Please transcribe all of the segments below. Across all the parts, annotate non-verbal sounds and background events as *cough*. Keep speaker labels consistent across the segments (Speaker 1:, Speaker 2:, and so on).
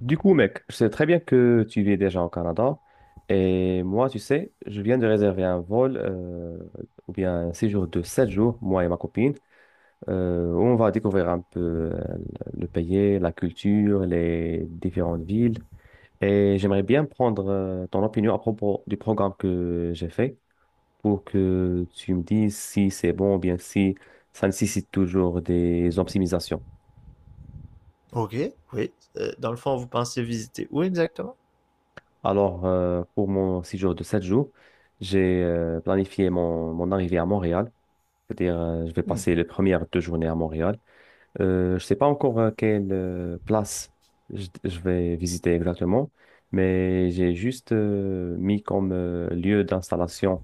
Speaker 1: Du coup, mec, je sais très bien que tu vis déjà au Canada. Et moi, tu sais, je viens de réserver un vol, ou bien un séjour de 7 jours, moi et ma copine, où on va découvrir un peu le pays, la culture, les différentes villes. Et j'aimerais bien prendre ton opinion à propos du programme que j'ai fait pour que tu me dises si c'est bon ou bien si ça nécessite toujours des optimisations.
Speaker 2: Ok, oui. Dans le fond, vous pensez visiter où exactement?
Speaker 1: Alors, pour mon séjour de 7 jours, j'ai planifié mon arrivée à Montréal. C'est-à-dire, je vais
Speaker 2: Hmm.
Speaker 1: passer les 2 premières journées à Montréal. Je ne sais pas encore quelle place je vais visiter exactement, mais j'ai juste mis comme lieu d'installation,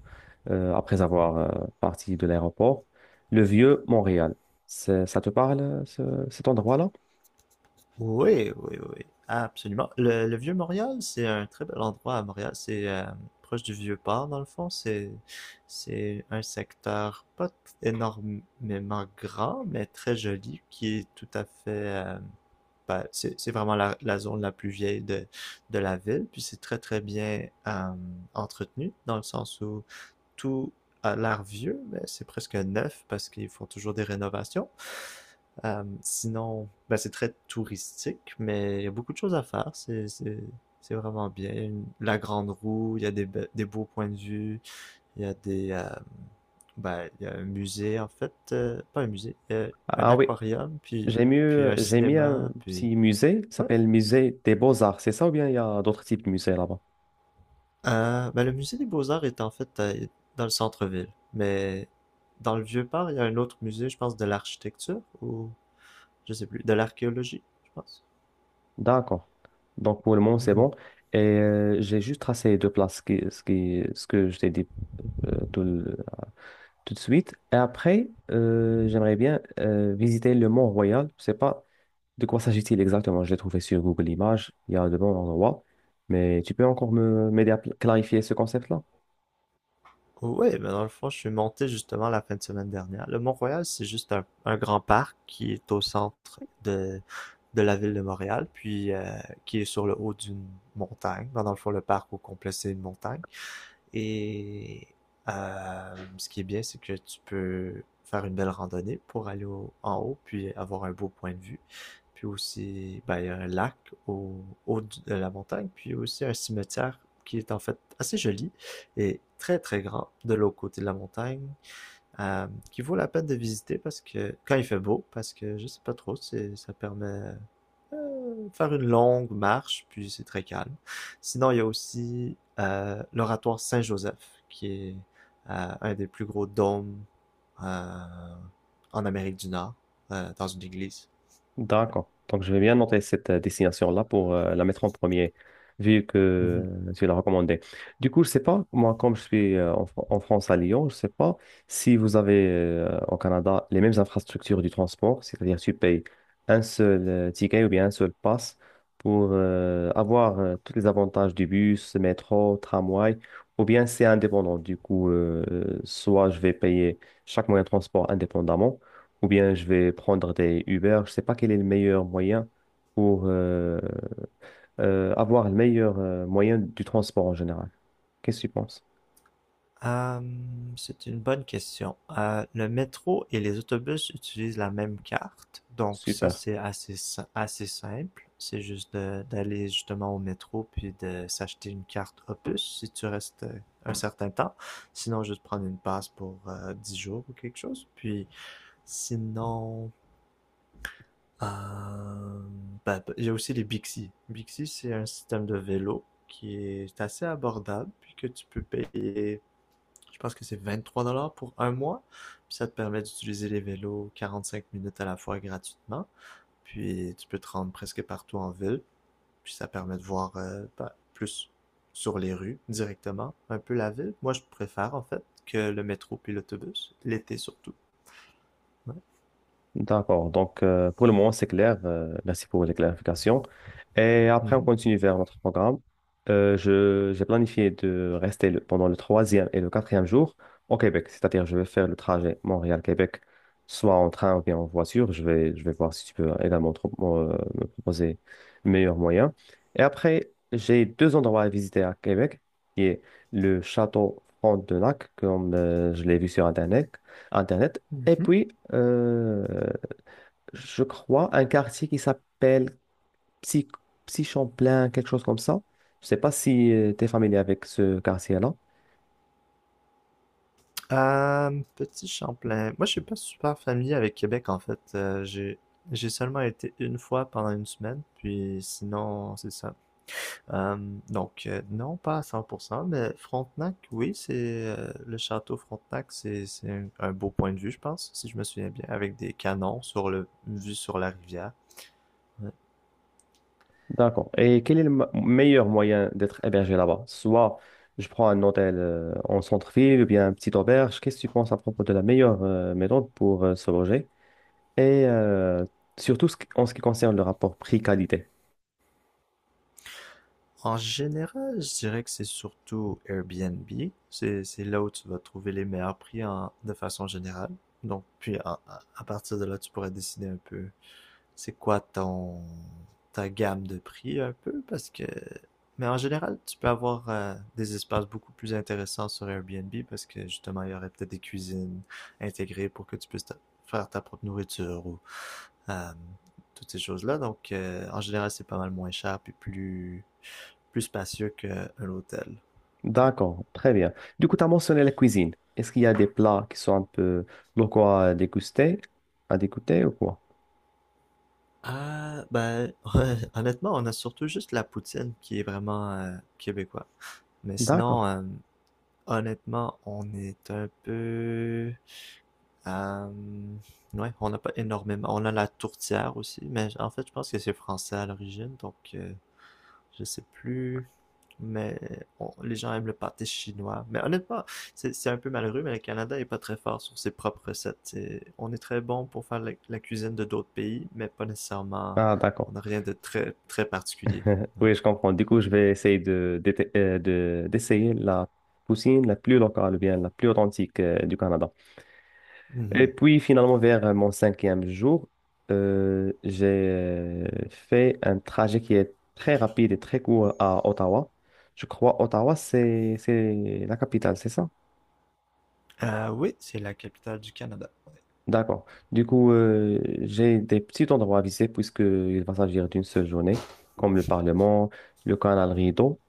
Speaker 1: après avoir parti de l'aéroport, le vieux Montréal. Ça te parle, cet endroit-là?
Speaker 2: Oui, oui, oui. Absolument. Le Vieux-Montréal, c'est un très bel endroit à Montréal. C'est proche du Vieux-Port, dans le fond. C'est un secteur pas t- énormément grand, mais très joli, qui est tout à fait... ben, c'est vraiment la zone la plus vieille de la ville. Puis c'est très, très bien entretenu, dans le sens où tout a l'air vieux, mais c'est presque neuf parce qu'ils font toujours des rénovations. C'est très touristique, mais il y a beaucoup de choses à faire. C'est vraiment bien. La grande roue, il y a des beaux points de vue, il y a il y a un musée en fait, pas un musée, un
Speaker 1: Ah oui,
Speaker 2: aquarium, puis
Speaker 1: j'ai
Speaker 2: puis
Speaker 1: mieux,
Speaker 2: un
Speaker 1: j'ai mis un
Speaker 2: cinéma, puis
Speaker 1: petit musée, ça
Speaker 2: ouais.
Speaker 1: s'appelle Musée des Beaux-Arts, c'est ça ou bien il y a d'autres types de musées là-bas?
Speaker 2: Le musée des Beaux-Arts est en fait dans le centre-ville, mais dans le Vieux-Port, il y a un autre musée, je pense, de l'architecture ou je sais plus, de l'archéologie, je pense.
Speaker 1: D'accord. Donc pour le moment, c'est
Speaker 2: Mhm.
Speaker 1: bon. Et j'ai juste tracé les deux places, ce que je t'ai dit euh, tout, le- tout de suite. Et après, j'aimerais bien visiter le Mont-Royal. Je sais pas, de quoi s'agit-il exactement? Je l'ai trouvé sur Google Images, il y a de bons endroits, mais tu peux encore me m'aider à clarifier ce concept-là?
Speaker 2: Oui, mais dans le fond, je suis monté justement la fin de semaine dernière. Le Mont-Royal, c'est juste un grand parc qui est au centre de la ville de Montréal, puis qui est sur le haut d'une montagne. Ben, dans le fond, le parc au complet, c'est une montagne. Et ce qui est bien, c'est que tu peux faire une belle randonnée pour en haut, puis avoir un beau point de vue. Puis aussi, ben, il y a un lac au haut de la montagne, puis aussi un cimetière qui est en fait assez joli et très très grand de l'autre côté de la montagne, qui vaut la peine de visiter parce que quand il fait beau, parce que je sais pas trop, c'est ça permet faire une longue marche, puis c'est très calme. Sinon, il y a aussi l'oratoire Saint-Joseph, qui est un des plus gros dômes euh, en Amérique du Nord, dans une église.
Speaker 1: D'accord. Donc, je vais bien noter cette destination-là pour la mettre en premier, vu que
Speaker 2: Mhm.
Speaker 1: tu l'as recommandé. Du coup, je sais pas, moi, comme je suis en France à Lyon, je sais pas si vous avez au Canada les mêmes infrastructures du transport, c'est-à-dire tu payes un seul ticket ou bien un seul pass pour avoir tous les avantages du bus, métro, tramway, ou bien c'est indépendant. Du coup, soit je vais payer chaque moyen de transport indépendamment ou bien je vais prendre des Uber. Je sais pas quel est le meilleur moyen pour avoir le meilleur moyen du transport en général. Qu'est-ce que tu penses?
Speaker 2: C'est une bonne question. Le métro et les autobus utilisent la même carte, donc ça
Speaker 1: Super.
Speaker 2: c'est assez, si- assez simple. C'est juste d'aller justement au métro puis de s'acheter une carte Opus si tu restes un certain temps. Sinon, juste prendre une passe pour 10 jours ou quelque chose. Puis sinon, euh, il y a aussi les Bixi. Bixi, c'est un système de vélo qui est assez abordable puis que tu peux payer je pense que c'est 23 $ pour un mois. Puis ça te permet d'utiliser les vélos 45 minutes à la fois gratuitement. Puis tu peux te rendre presque partout en ville. Puis ça permet de voir plus sur les rues directement, un peu la ville. Moi, je préfère en fait que le métro puis l'autobus, l'été surtout. Ouais.
Speaker 1: D'accord. Donc, pour le moment, c'est clair. Merci pour les clarifications. Et après, on
Speaker 2: Mhm.
Speaker 1: continue vers notre programme. J'ai planifié de rester pendant le troisième et le quatrième jour au Québec. C'est-à-dire, je vais faire le trajet Montréal-Québec, soit en train ou bien en voiture. Je vais voir si tu peux également me proposer le meilleur moyen. Et après, j'ai deux endroits à visiter à Québec, qui est le château Frontenac, comme je l'ai vu sur Internet et
Speaker 2: Mhm.
Speaker 1: puis, euh, je crois, un quartier qui s'appelle Psy, Psy-Champlain, quelque chose comme ça. Je sais pas si tu es familier avec ce quartier-là.
Speaker 2: Petit Champlain. Moi, je suis pas super familier avec Québec en fait. J'ai seulement été une fois pendant une semaine, puis sinon, c'est ça. Euh, donc, non, pas à 100%, mais Frontenac, oui, c'est le château Frontenac, c'est un beau point de vue, je pense, si je me souviens bien, avec des canons sur le vue sur la rivière. Ouais.
Speaker 1: D'accord. Et quel est le meilleur moyen d'être hébergé là-bas? Soit je prends un hôtel en centre-ville ou bien une petite auberge. Qu'est-ce que tu penses à propos de la meilleure méthode pour se loger? et euh, surtout en ce qui concerne le rapport prix-qualité.
Speaker 2: En général, je dirais que c'est surtout Airbnb. C'est là où tu vas trouver les meilleurs prix en, de façon générale. Donc, puis à partir de là, tu pourrais décider un peu c'est quoi ton ta gamme de prix un peu? Parce que. Mais en général, tu peux avoir des espaces beaucoup plus intéressants sur Airbnb parce que justement, il y aurait peut-être des cuisines intégrées pour que tu puisses faire ta propre nourriture ou euh, toutes ces choses-là. Donc, en général, c'est pas mal moins cher puis plus, plus spacieux qu'un hôtel.
Speaker 1: D'accord, très bien. Du coup, tu as mentionné la cuisine. Est-ce qu'il y a des plats qui sont un peu locaux à déguster, à dégoûter ou quoi?
Speaker 2: Ah, ben, *laughs* honnêtement, on a surtout juste la poutine qui est vraiment québécois. Mais sinon,
Speaker 1: D'accord.
Speaker 2: honnêtement, on est un peu, hem, ouais, on n'a pas énormément. On a la tourtière aussi, mais en fait, je pense que c'est français à l'origine, donc je sais plus. Mais les gens aiment le pâté chinois. Mais honnêtement, c'est un peu malheureux, mais le Canada est pas très fort sur ses propres recettes. On est très bon pour faire la cuisine de d'autres pays, mais pas nécessairement.
Speaker 1: Ah,
Speaker 2: On
Speaker 1: d'accord.
Speaker 2: n'a rien de très très particulier.
Speaker 1: Oui, je comprends. Du coup, je vais essayer d'essayer la poutine la plus locale, ou bien la plus authentique du Canada. Et
Speaker 2: Mhm.
Speaker 1: puis, finalement, vers mon cinquième jour, j'ai fait un trajet qui est très rapide et très court à Ottawa. Je crois Ottawa, c'est la capitale, c'est ça?
Speaker 2: Oui, c'est la capitale du Canada.
Speaker 1: D'accord. Du coup, j'ai des petits endroits à visiter puisqu'il va s'agir d'une seule journée, comme le Parlement, le canal Rideau.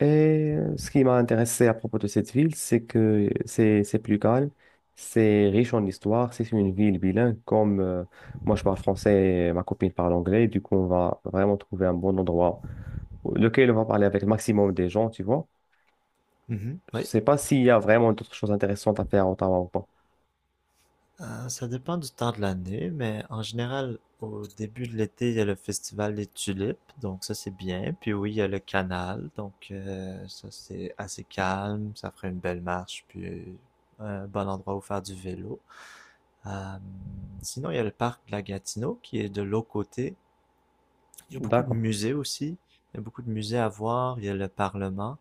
Speaker 1: Et ce qui m'a intéressé à propos de cette ville, c'est que c'est plus calme, c'est riche en histoire, c'est une ville bilingue. Comme moi je parle français et ma copine parle anglais, du coup on va vraiment trouver un bon endroit lequel on va parler avec le maximum des gens, tu vois.
Speaker 2: Mhm.
Speaker 1: Je
Speaker 2: Oui.
Speaker 1: sais pas s'il y a vraiment d'autres choses intéressantes à faire à Ottawa ou pas.
Speaker 2: Ça dépend du temps de l'année, mais en général, au début de l'été, il y a le festival des tulipes, donc ça c'est bien. Puis oui, il y a le canal, donc ça c'est assez calme, ça ferait une belle marche, puis un bon endroit où faire du vélo. Euh, sinon, il y a le parc de la Gatineau qui est de l'autre côté, il y a beaucoup de
Speaker 1: D'accord.
Speaker 2: musées aussi. Il y a beaucoup de musées à voir. Il y a le Parlement,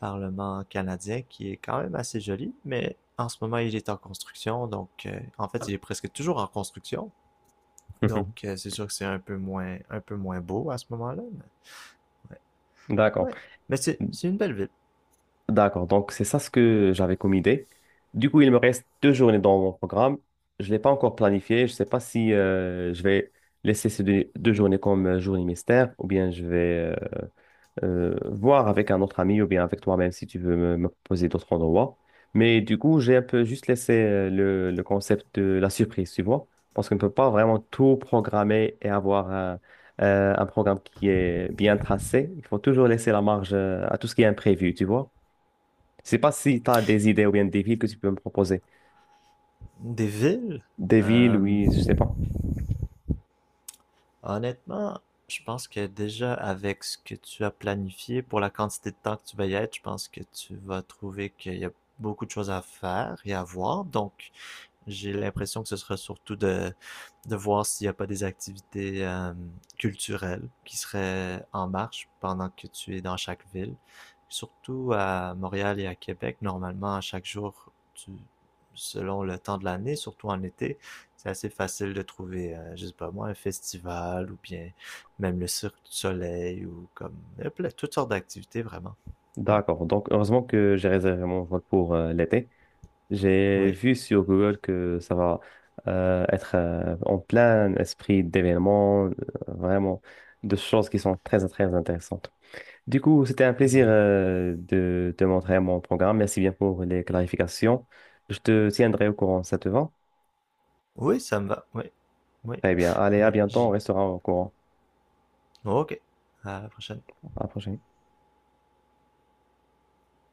Speaker 2: Parlement canadien, qui est quand même assez joli, mais en ce moment, il est en construction. Donc, en fait, il est presque toujours en construction. Donc,
Speaker 1: *laughs*
Speaker 2: c'est sûr que c'est un peu moins beau à ce moment-là. Mais
Speaker 1: D'accord.
Speaker 2: ouais, mais c'est une belle ville.
Speaker 1: D'accord, donc c'est ça ce que j'avais comme idée. Du coup, il me reste 2 journées dans mon programme. Je ne l'ai pas encore planifié. Je ne sais pas si je vais laisser ces deux journées comme journée mystère ou bien je vais voir avec un autre ami ou bien avec toi-même si tu veux me proposer d'autres endroits. Mais du coup, j'ai un peu juste laissé le concept de la surprise, tu vois, parce qu'on ne peut pas vraiment tout programmer et avoir un programme qui est bien tracé. Il faut toujours laisser la marge à tout ce qui est imprévu, tu vois. Je sais pas si tu as des idées ou bien des villes que tu peux me proposer.
Speaker 2: Des villes.
Speaker 1: Des villes,
Speaker 2: euh,
Speaker 1: oui, je sais pas.
Speaker 2: Honnêtement, je pense que déjà avec ce que tu as planifié pour la quantité de temps que tu vas y être, je pense que tu vas trouver qu'il y a beaucoup de choses à faire et à voir. Donc, j'ai l'impression que ce sera surtout de voir s'il n'y a pas des activités culturelles qui seraient en marche pendant que tu es dans chaque ville. Surtout à Montréal et à Québec, normalement, à chaque jour, tu, selon le temps de l'année, surtout en été, c'est assez facile de trouver, je sais pas moi, un festival ou bien même le Cirque du Soleil ou comme toutes sortes d'activités vraiment. Ouais.
Speaker 1: D'accord. Donc, heureusement que j'ai réservé mon vol pour l'été. J'ai
Speaker 2: Oui.
Speaker 1: vu sur Google que ça va être en plein esprit d'événements, vraiment de choses qui sont très, très intéressantes. Du coup, c'était un plaisir de te montrer mon programme. Merci bien pour les clarifications. Je te tiendrai au courant, ça te va?
Speaker 2: Oui, ça me va. Oui, oui,
Speaker 1: Très bien. Allez, à
Speaker 2: oui.
Speaker 1: bientôt. On
Speaker 2: J'ai
Speaker 1: restera au courant.
Speaker 2: ok, à la prochaine.
Speaker 1: À la prochaine.